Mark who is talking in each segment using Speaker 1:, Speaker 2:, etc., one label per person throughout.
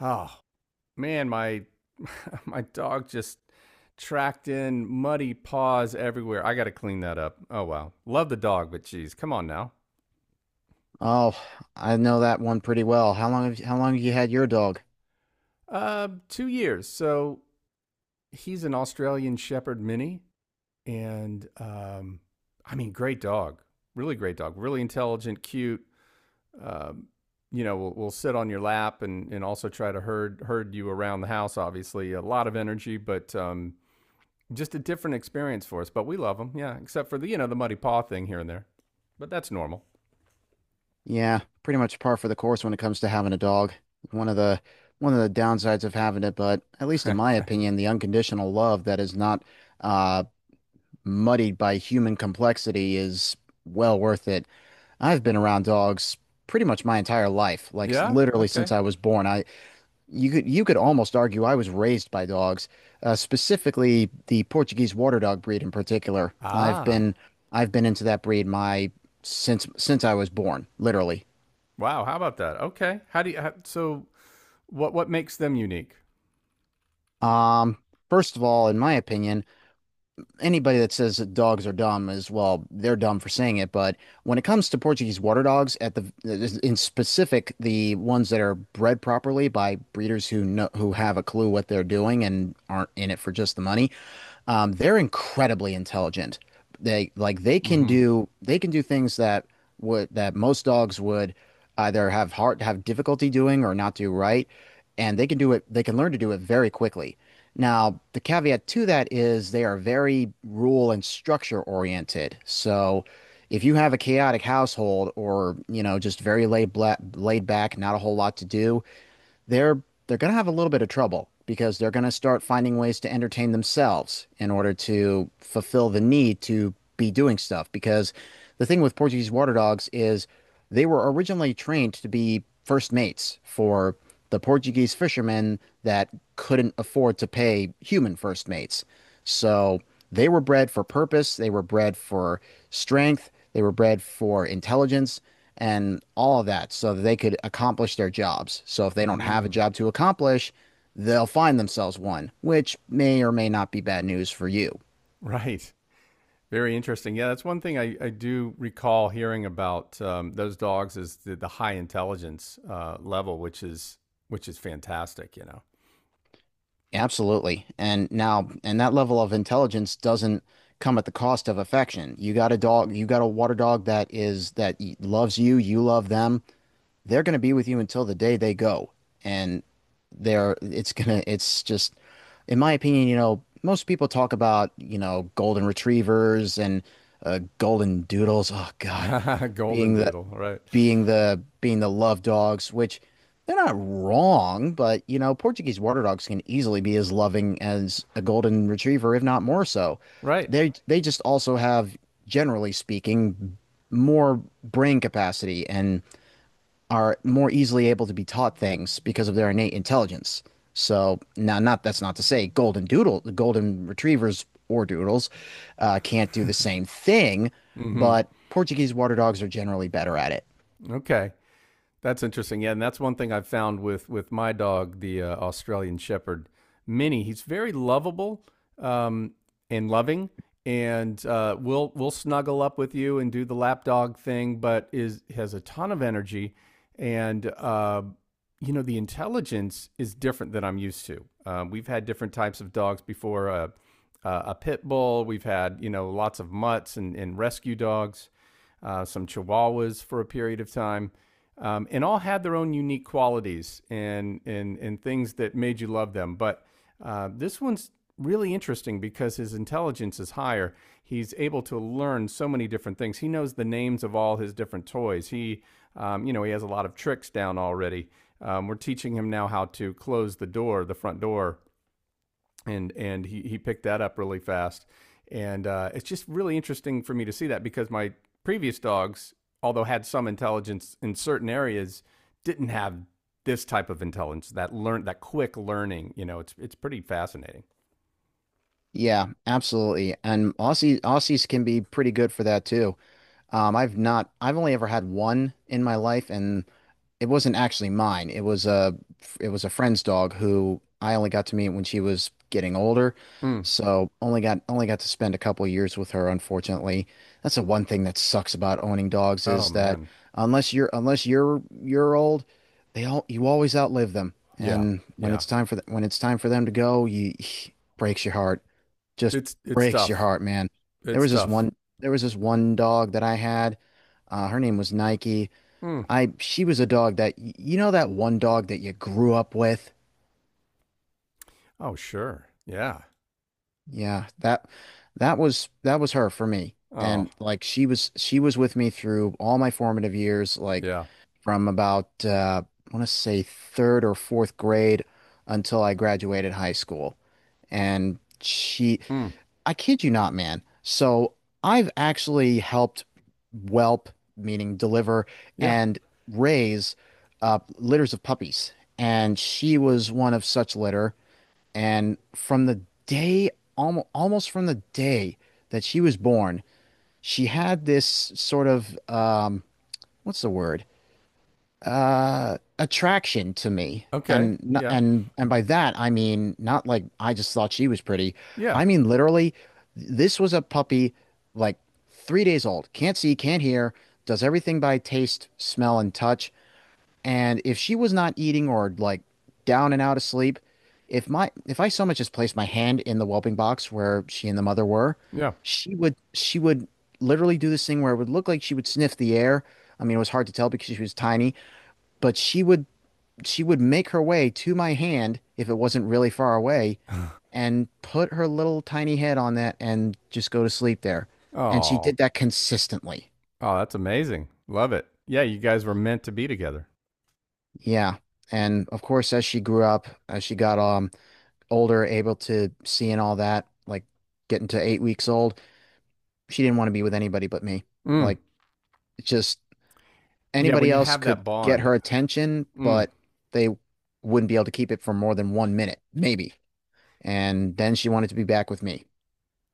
Speaker 1: Oh, man, my my dog just tracked in muddy paws everywhere. I got to clean that up. Oh wow. Love the dog, but geez, come on now.
Speaker 2: Oh, I know that one pretty well. How long have you had your dog?
Speaker 1: 2 years. So he's an Australian Shepherd mini and I mean great dog. Really great dog. Really intelligent, cute. Um you know, will sit on your lap and also try to herd you around the house obviously. A lot of energy, but just a different experience for us, but we love them. Yeah, except for the the muddy paw thing here and there, but that's normal.
Speaker 2: Yeah, pretty much par for the course when it comes to having a dog. One of the one of the downsides of having it, but at least in my opinion, the unconditional love that is not uh, muddied by human complexity is well worth it. I've been around dogs pretty much my entire life, like
Speaker 1: Yeah.
Speaker 2: literally
Speaker 1: Okay.
Speaker 2: since I was born. I You could almost argue I was raised by dogs, specifically the Portuguese water dog breed in particular.
Speaker 1: Ah.
Speaker 2: I've been into that breed my since I was born, literally.
Speaker 1: Wow. How about that? Okay. How do you? How, so what makes them unique?
Speaker 2: Um, First of all, in my opinion, anybody that says that dogs are dumb is, well, they're dumb for saying it. But when it comes to Portuguese water dogs, at the in specific, the ones that are bred properly by breeders who have a clue what they're doing and aren't in it for just the money. They're incredibly intelligent. They like they can
Speaker 1: Hmm.
Speaker 2: do things that would that most dogs would either have difficulty doing or not do right, and they can do it. They can learn to do it very quickly. Now, the caveat to that is they are very rule and structure oriented. So, if you have a chaotic household or, you know, just very laid back, not a whole lot to do, they're they're going to have a little bit of trouble because they're going to start finding ways to entertain themselves in order to fulfill the need to be doing stuff, because the thing with Portuguese water dogs is they were originally trained to be first mates for the Portuguese fishermen that couldn't afford to pay human first mates. So they were bred for purpose, they were bred for strength, they were bred for intelligence and all of that so that they could accomplish their jobs. So if they don't have a
Speaker 1: Mm.
Speaker 2: job to accomplish, they'll find themselves one, which may or may not be bad news for you.
Speaker 1: Right. Very interesting. Yeah, that's one thing I do recall hearing about those dogs is the high intelligence level, which is fantastic. You know.
Speaker 2: Absolutely. And now, and that level of intelligence doesn't come at the cost of affection. You got a dog, you got a water dog that is, loves you, you love them, they're going to be with you until the day they go. And they're, it's gonna, it's just, in my opinion, you know, most people talk about, you know, golden retrievers and golden doodles. Oh God,
Speaker 1: Golden
Speaker 2: being the,
Speaker 1: doodle, right.
Speaker 2: being the love dogs, which they're not wrong, but you know, Portuguese water dogs can easily be as loving as a golden retriever, if not more so.
Speaker 1: Right.
Speaker 2: They just also have, generally speaking, more brain capacity and are more easily able to be taught things because of their innate intelligence. So now, not that's not to say the golden retrievers or doodles, can't do the same thing,
Speaker 1: Mhm.
Speaker 2: but Portuguese water dogs are generally better at it.
Speaker 1: Okay. That's interesting. Yeah, and that's one thing I've found with my dog, the Australian Shepherd, Minnie. He's very lovable um, and loving, and will snuggle up with you and do the lap dog thing, but is has a ton of energy, and you know, the intelligence is different than I'm used to. We've had different types of dogs before a pit bull, we've had, you know, lots of mutts and rescue dogs, some chihuahuas for a period of time. And all had their own unique qualities and things that made you love them. But this one's really interesting because his intelligence is higher. He's able to learn so many different things. He knows the names of all his different toys. You know, he has a lot of tricks down already. We're teaching him now how to close the door, the front door, and he picked that up really fast. And it's just really interesting for me to see that because my previous dogs, although had some intelligence in certain areas, didn't have this type of intelligence that learn that quick learning. You know, it's pretty fascinating.
Speaker 2: Yeah, absolutely. And Aussies can be pretty good for that too. I've not, I've only ever had one in my life, and it wasn't actually mine. It was a friend's dog who I only got to meet when she was getting older.
Speaker 1: Mm.
Speaker 2: So only got to spend a couple of years with her, unfortunately. That's the one thing that sucks about owning dogs,
Speaker 1: Oh
Speaker 2: is that
Speaker 1: man,
Speaker 2: unless you're old, they all you always outlive them.
Speaker 1: yeah,
Speaker 2: And
Speaker 1: yeah.
Speaker 2: when it's time for them to go, you breaks your heart. Just
Speaker 1: It's
Speaker 2: breaks your
Speaker 1: tough.
Speaker 2: heart, man. There
Speaker 1: It's
Speaker 2: was this
Speaker 1: tough.
Speaker 2: one there was this one dog that I had. Her name was Nike.
Speaker 1: Mm.
Speaker 2: I She was a dog that, you know, that one dog that you grew up with?
Speaker 1: Oh sure, yeah.
Speaker 2: Yeah, that that was her for me.
Speaker 1: Oh
Speaker 2: And like she was with me through all my formative years, like
Speaker 1: yeah.
Speaker 2: from about I want to say third or fourth grade until I graduated high school. And she,
Speaker 1: Mm.
Speaker 2: I kid you not, man. So I've actually helped whelp, meaning deliver,
Speaker 1: Yeah.
Speaker 2: and raise litters of puppies. And she was one of such litter. And from the day, almost from the day that she was born, she had this sort of, what's the word, attraction to me.
Speaker 1: Okay.
Speaker 2: And
Speaker 1: Yeah.
Speaker 2: and by that I mean not like I just thought she was pretty.
Speaker 1: Yeah.
Speaker 2: I mean literally, this was a puppy, like three days old, can't see, can't hear, does everything by taste, smell and touch. And if she was not eating or like down and out of sleep, if I so much as placed my hand in the whelping box where she and the mother were,
Speaker 1: Yeah.
Speaker 2: she would literally do this thing where it would look like she would sniff the air. I mean, it was hard to tell because she was tiny, but she would make her way to my hand if it wasn't really far away and put her little tiny head on that and just go to sleep there. And she
Speaker 1: Oh.
Speaker 2: did that consistently.
Speaker 1: Oh, that's amazing. Love it. Yeah, you guys were meant to be together.
Speaker 2: Yeah. And of course, as she grew up, as she got older, able to see and all that, like getting to eight weeks old, she didn't want to be with anybody but me.
Speaker 1: Mm.
Speaker 2: Like just
Speaker 1: Yeah, when
Speaker 2: anybody
Speaker 1: you
Speaker 2: else
Speaker 1: have
Speaker 2: could
Speaker 1: that
Speaker 2: get
Speaker 1: bond.
Speaker 2: her attention,
Speaker 1: Mm.
Speaker 2: but they wouldn't be able to keep it for more than one minute, maybe. And then she wanted to be back with me.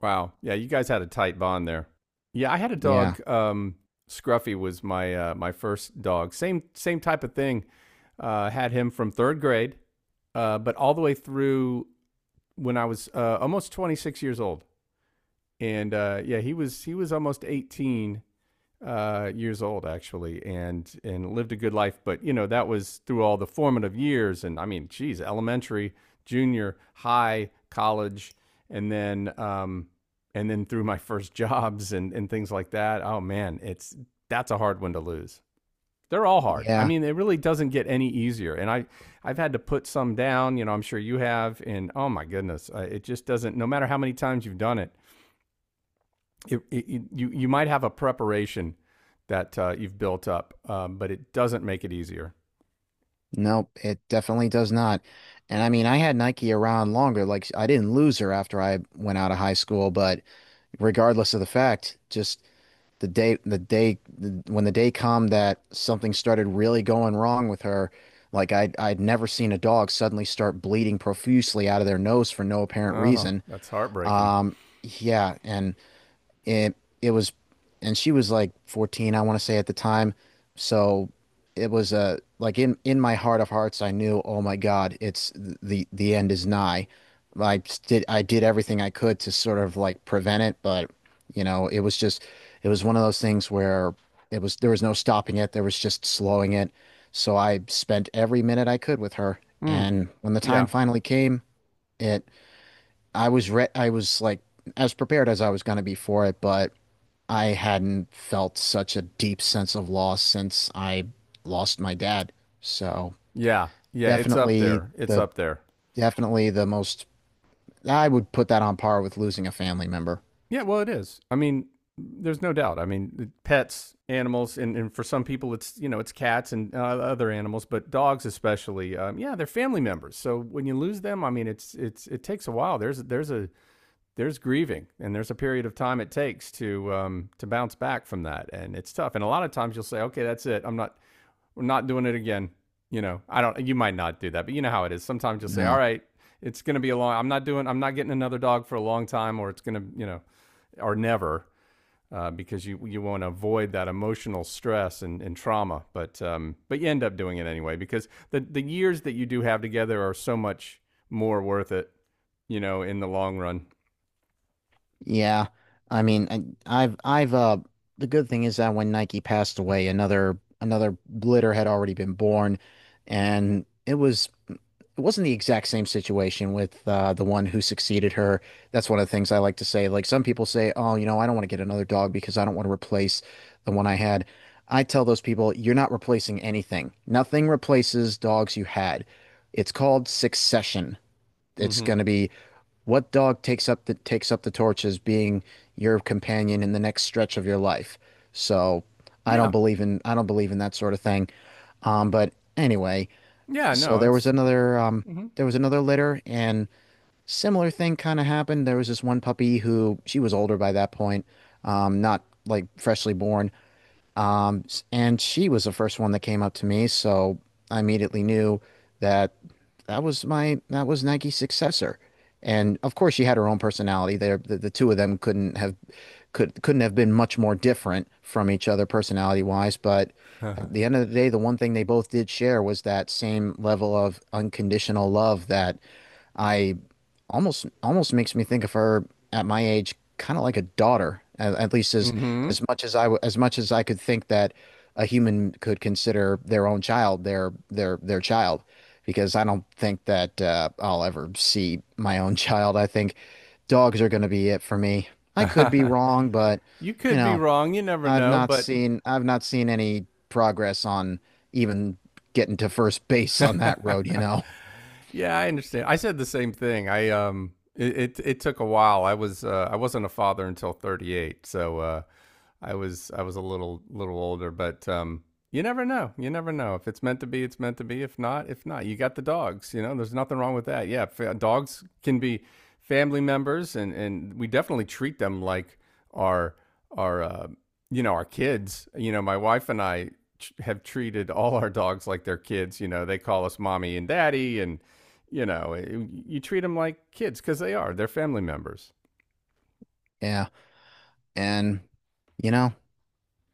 Speaker 1: Wow. Yeah, you guys had a tight bond there. Yeah, I had a
Speaker 2: Yeah,
Speaker 1: dog. Scruffy was my my first dog. Same type of thing. Had him from third grade, but all the way through when I was almost 26 years old. And yeah, he was almost 18 years old actually, and lived a good life. But you know that was through all the formative years, and I mean, geez, elementary, junior, high, college, and then um, and then through my first jobs and things like that. Oh man, it's that's a hard one to lose. They're all hard. I
Speaker 2: yeah.
Speaker 1: mean, it really doesn't get any easier. And I've had to put some down. You know, I'm sure you have. And oh my goodness, it just doesn't. No matter how many times you've done it, it, it, you you might have a preparation that you've built up, but it doesn't make it easier.
Speaker 2: Nope, it definitely does not. And I mean, I had Nike around longer. Like, I didn't lose her after I went out of high school, but regardless of the fact, just when the day come that something started really going wrong with her, like I'd never seen a dog suddenly start bleeding profusely out of their nose for no apparent
Speaker 1: Oh,
Speaker 2: reason.
Speaker 1: that's heartbreaking.
Speaker 2: Um, yeah, and It it was, and she was like 14, I want to say, at the time. So it was like in my heart of hearts, I knew, oh my God, it's the end is nigh. I did everything I could to sort of like prevent it, but you know, it was just, it was one of those things where it was there was no stopping it, there was just slowing it. So I spent every minute I could with her,
Speaker 1: Mm,
Speaker 2: and when the time
Speaker 1: yeah,
Speaker 2: finally came, it I was like as prepared as I was going to be for it, but I hadn't felt such a deep sense of loss since I lost my dad. So
Speaker 1: yeah, yeah. It's up
Speaker 2: definitely
Speaker 1: there. It's
Speaker 2: the
Speaker 1: up there.
Speaker 2: definitely the most, I would put that on par with losing a family member.
Speaker 1: Yeah, well, it is. I mean, there's no doubt. I mean, pets, animals, and for some people, it's you know, it's cats and other animals, but dogs especially. Yeah, they're family members. So when you lose them, I mean, it's it takes a while. There's a there's grieving, and there's a period of time it takes to bounce back from that, and it's tough. And a lot of times you'll say, okay, that's it. I'm not we're not doing it again. You know, I don't. You might not do that, but you know how it is. Sometimes you'll say, "All
Speaker 2: No.
Speaker 1: right, it's going to be a long. I'm not doing. I'm not getting another dog for a long time, or it's going to, you know, or never." Because you want to avoid that emotional stress and trauma, but you end up doing it anyway because the years that you do have together are so much more worth it, you know, in the long run.
Speaker 2: Yeah, I mean, I've the good thing is that when Nike passed away, another litter had already been born, and it wasn't the exact same situation with the one who succeeded her. That's one of the things I like to say. Like some people say, "Oh, you know, I don't want to get another dog because I don't want to replace the one I had." I tell those people, "You're not replacing anything. Nothing replaces dogs you had. It's called succession. It's
Speaker 1: Hmm.
Speaker 2: going to be what dog takes up the torch as being your companion in the next stretch of your life." So
Speaker 1: Yeah,
Speaker 2: I don't believe in that sort of thing. But anyway,
Speaker 1: yeah,
Speaker 2: so
Speaker 1: no, it's. Hmm.
Speaker 2: there was another litter, and similar thing kind of happened. There was this one puppy who, she was older by that point, not like freshly born, um, and she was the first one that came up to me, so I immediately knew that that was my that was Nike's successor. And of course, she had her own personality. The two of them couldn't have couldn't have been much more different from each other personality wise. But at the end of the day, the one thing they both did share was that same level of unconditional love that I almost makes me think of her at my age kind of like a daughter, at least as
Speaker 1: Hmm.
Speaker 2: much as I w- as much as I could think that a human could consider their own child their child, because I don't think that I'll ever see my own child. I think dogs are going to be it for me. I could be wrong, but
Speaker 1: you
Speaker 2: you
Speaker 1: could be
Speaker 2: know,
Speaker 1: wrong. You never know, but
Speaker 2: I've not seen any progress on even getting to first base on that road, you
Speaker 1: that
Speaker 2: know.
Speaker 1: yeah, I understand. I said the same thing. I it it took a while. I was I wasn't a father until 38. So I was a little older, but you never know. You never know. If it's meant to be, it's meant to be. If not, you got the dogs, you know. There's nothing wrong with that. Yeah, dogs can be family members and we definitely treat them like our our you know, our kids. You know, my wife and I have treated all our dogs like their kids, you know. They call us mommy and daddy and you know, eh, you treat them like kids because they are. They're family members.
Speaker 2: Yeah, and you know,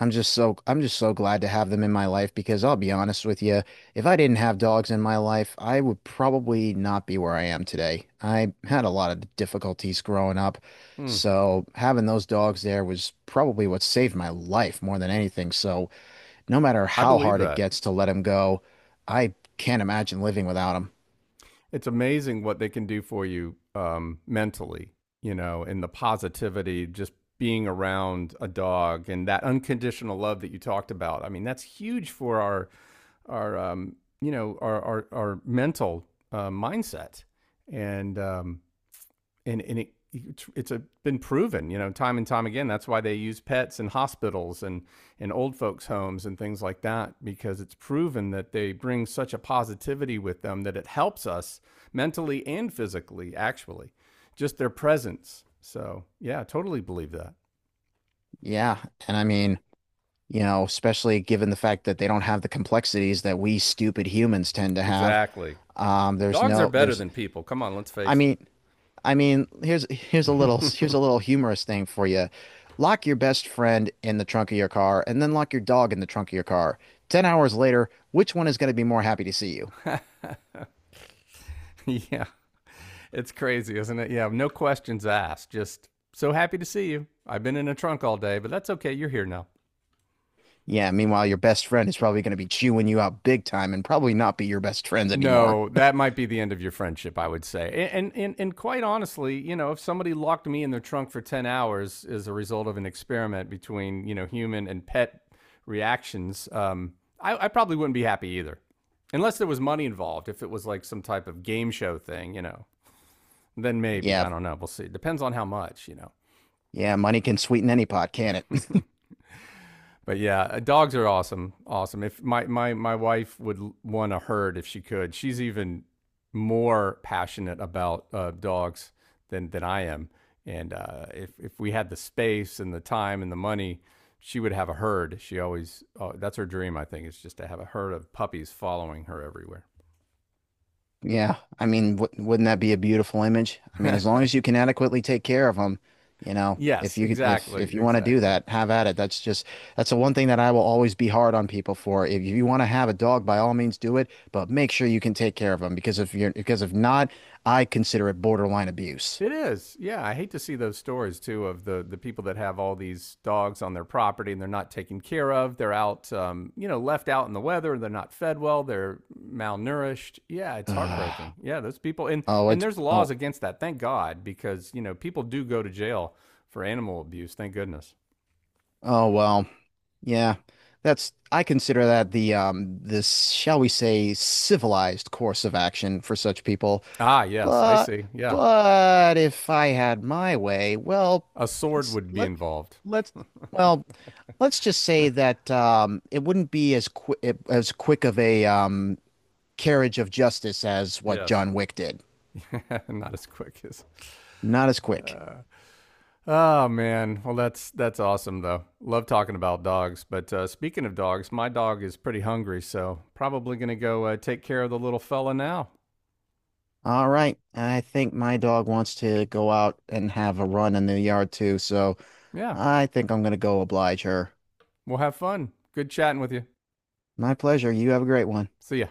Speaker 2: I'm just so glad to have them in my life, because I'll be honest with you, if I didn't have dogs in my life, I would probably not be where I am today. I had a lot of difficulties growing up,
Speaker 1: Hmm.
Speaker 2: so having those dogs there was probably what saved my life more than anything. So no matter
Speaker 1: I
Speaker 2: how
Speaker 1: believe
Speaker 2: hard it
Speaker 1: that.
Speaker 2: gets to let them go, I can't imagine living without them.
Speaker 1: It's amazing what they can do for you mentally, you know, and the positivity, just being around a dog and that unconditional love that you talked about. I mean, that's huge for our, um, you know, our mental mindset. And um, and it's a, been proven, you know, time and time again. That's why they use pets in hospitals and in old folks' homes and things like that, because it's proven that they bring such a positivity with them that it helps us mentally and physically, actually, just their presence. So, yeah, I totally believe that.
Speaker 2: Yeah, and I mean, you know, especially given the fact that they don't have the complexities that we stupid humans tend to have.
Speaker 1: Exactly.
Speaker 2: There's
Speaker 1: Dogs are
Speaker 2: no,
Speaker 1: better
Speaker 2: there's,
Speaker 1: than people. Come on, let's
Speaker 2: I
Speaker 1: face
Speaker 2: mean, here's
Speaker 1: it.
Speaker 2: here's a little humorous thing for you. Lock your best friend in the trunk of your car, and then lock your dog in the trunk of your car. 10 hours later, which one is going to be more happy to see you?
Speaker 1: yeah, it's crazy, isn't it? Yeah, no questions asked. Just so happy to see you. I've been in a trunk all day, but that's okay. You're here now.
Speaker 2: Yeah, meanwhile, your best friend is probably going to be chewing you out big time and probably not be your best friends anymore.
Speaker 1: No, that might be the end of your friendship, I would say. And quite honestly, you know, if somebody locked me in their trunk for 10 hours as a result of an experiment between, you know, human and pet reactions, I probably wouldn't be happy either. Unless there was money involved, if it was like some type of game show thing, you know, then maybe.
Speaker 2: Yeah.
Speaker 1: I don't know. We'll see. Depends on how much, you know.
Speaker 2: Yeah, money can sweeten any pot, can't it?
Speaker 1: But yeah, dogs are awesome. Awesome. If my wife would want a herd if she could. She's even more passionate about dogs than I am. And if we had the space and the time and the money, she would have a herd. She always oh, that's her dream. I think is just to have a herd of puppies following her everywhere.
Speaker 2: Yeah, I mean, w wouldn't that be a beautiful image? I mean, as long as you can adequately take care of them, you know,
Speaker 1: Yes, exactly,
Speaker 2: if you want to do
Speaker 1: exactly.
Speaker 2: that, have at it. That's just that's the one thing that I will always be hard on people for. If you want to have a dog, by all means do it, but make sure you can take care of them, because if you're because if not, I consider it borderline abuse.
Speaker 1: It is. Yeah, I hate to see those stories too of the people that have all these dogs on their property and they're not taken care of. They're out, you know, left out in the weather. They're not fed well. They're malnourished. Yeah, it's heartbreaking. Yeah, those people
Speaker 2: Oh,
Speaker 1: and
Speaker 2: it's
Speaker 1: there's laws
Speaker 2: oh,
Speaker 1: against that. Thank God, because you know people do go to jail for animal abuse. Thank goodness.
Speaker 2: oh well. Yeah, that's, I consider that the um, this, shall we say, civilized course of action for such people.
Speaker 1: Ah, yes, I
Speaker 2: But
Speaker 1: see. Yeah,
Speaker 2: but if I had my way, well,
Speaker 1: a sword
Speaker 2: let's
Speaker 1: would be
Speaker 2: let
Speaker 1: involved.
Speaker 2: let's, well, let's just say that um, it wouldn't be as quick of a um, carriage of justice as what
Speaker 1: Yes,
Speaker 2: John Wick did.
Speaker 1: not as quick as.
Speaker 2: Not as quick.
Speaker 1: Uh, Oh man, well that's awesome though. Love talking about dogs. But speaking of dogs, my dog is pretty hungry, so probably gonna go take care of the little fella now.
Speaker 2: All right, I think my dog wants to go out and have a run in the yard too, so
Speaker 1: Yeah,
Speaker 2: I think I'm gonna go oblige her.
Speaker 1: we'll have fun. Good chatting with you.
Speaker 2: My pleasure. You have a great one.
Speaker 1: See ya.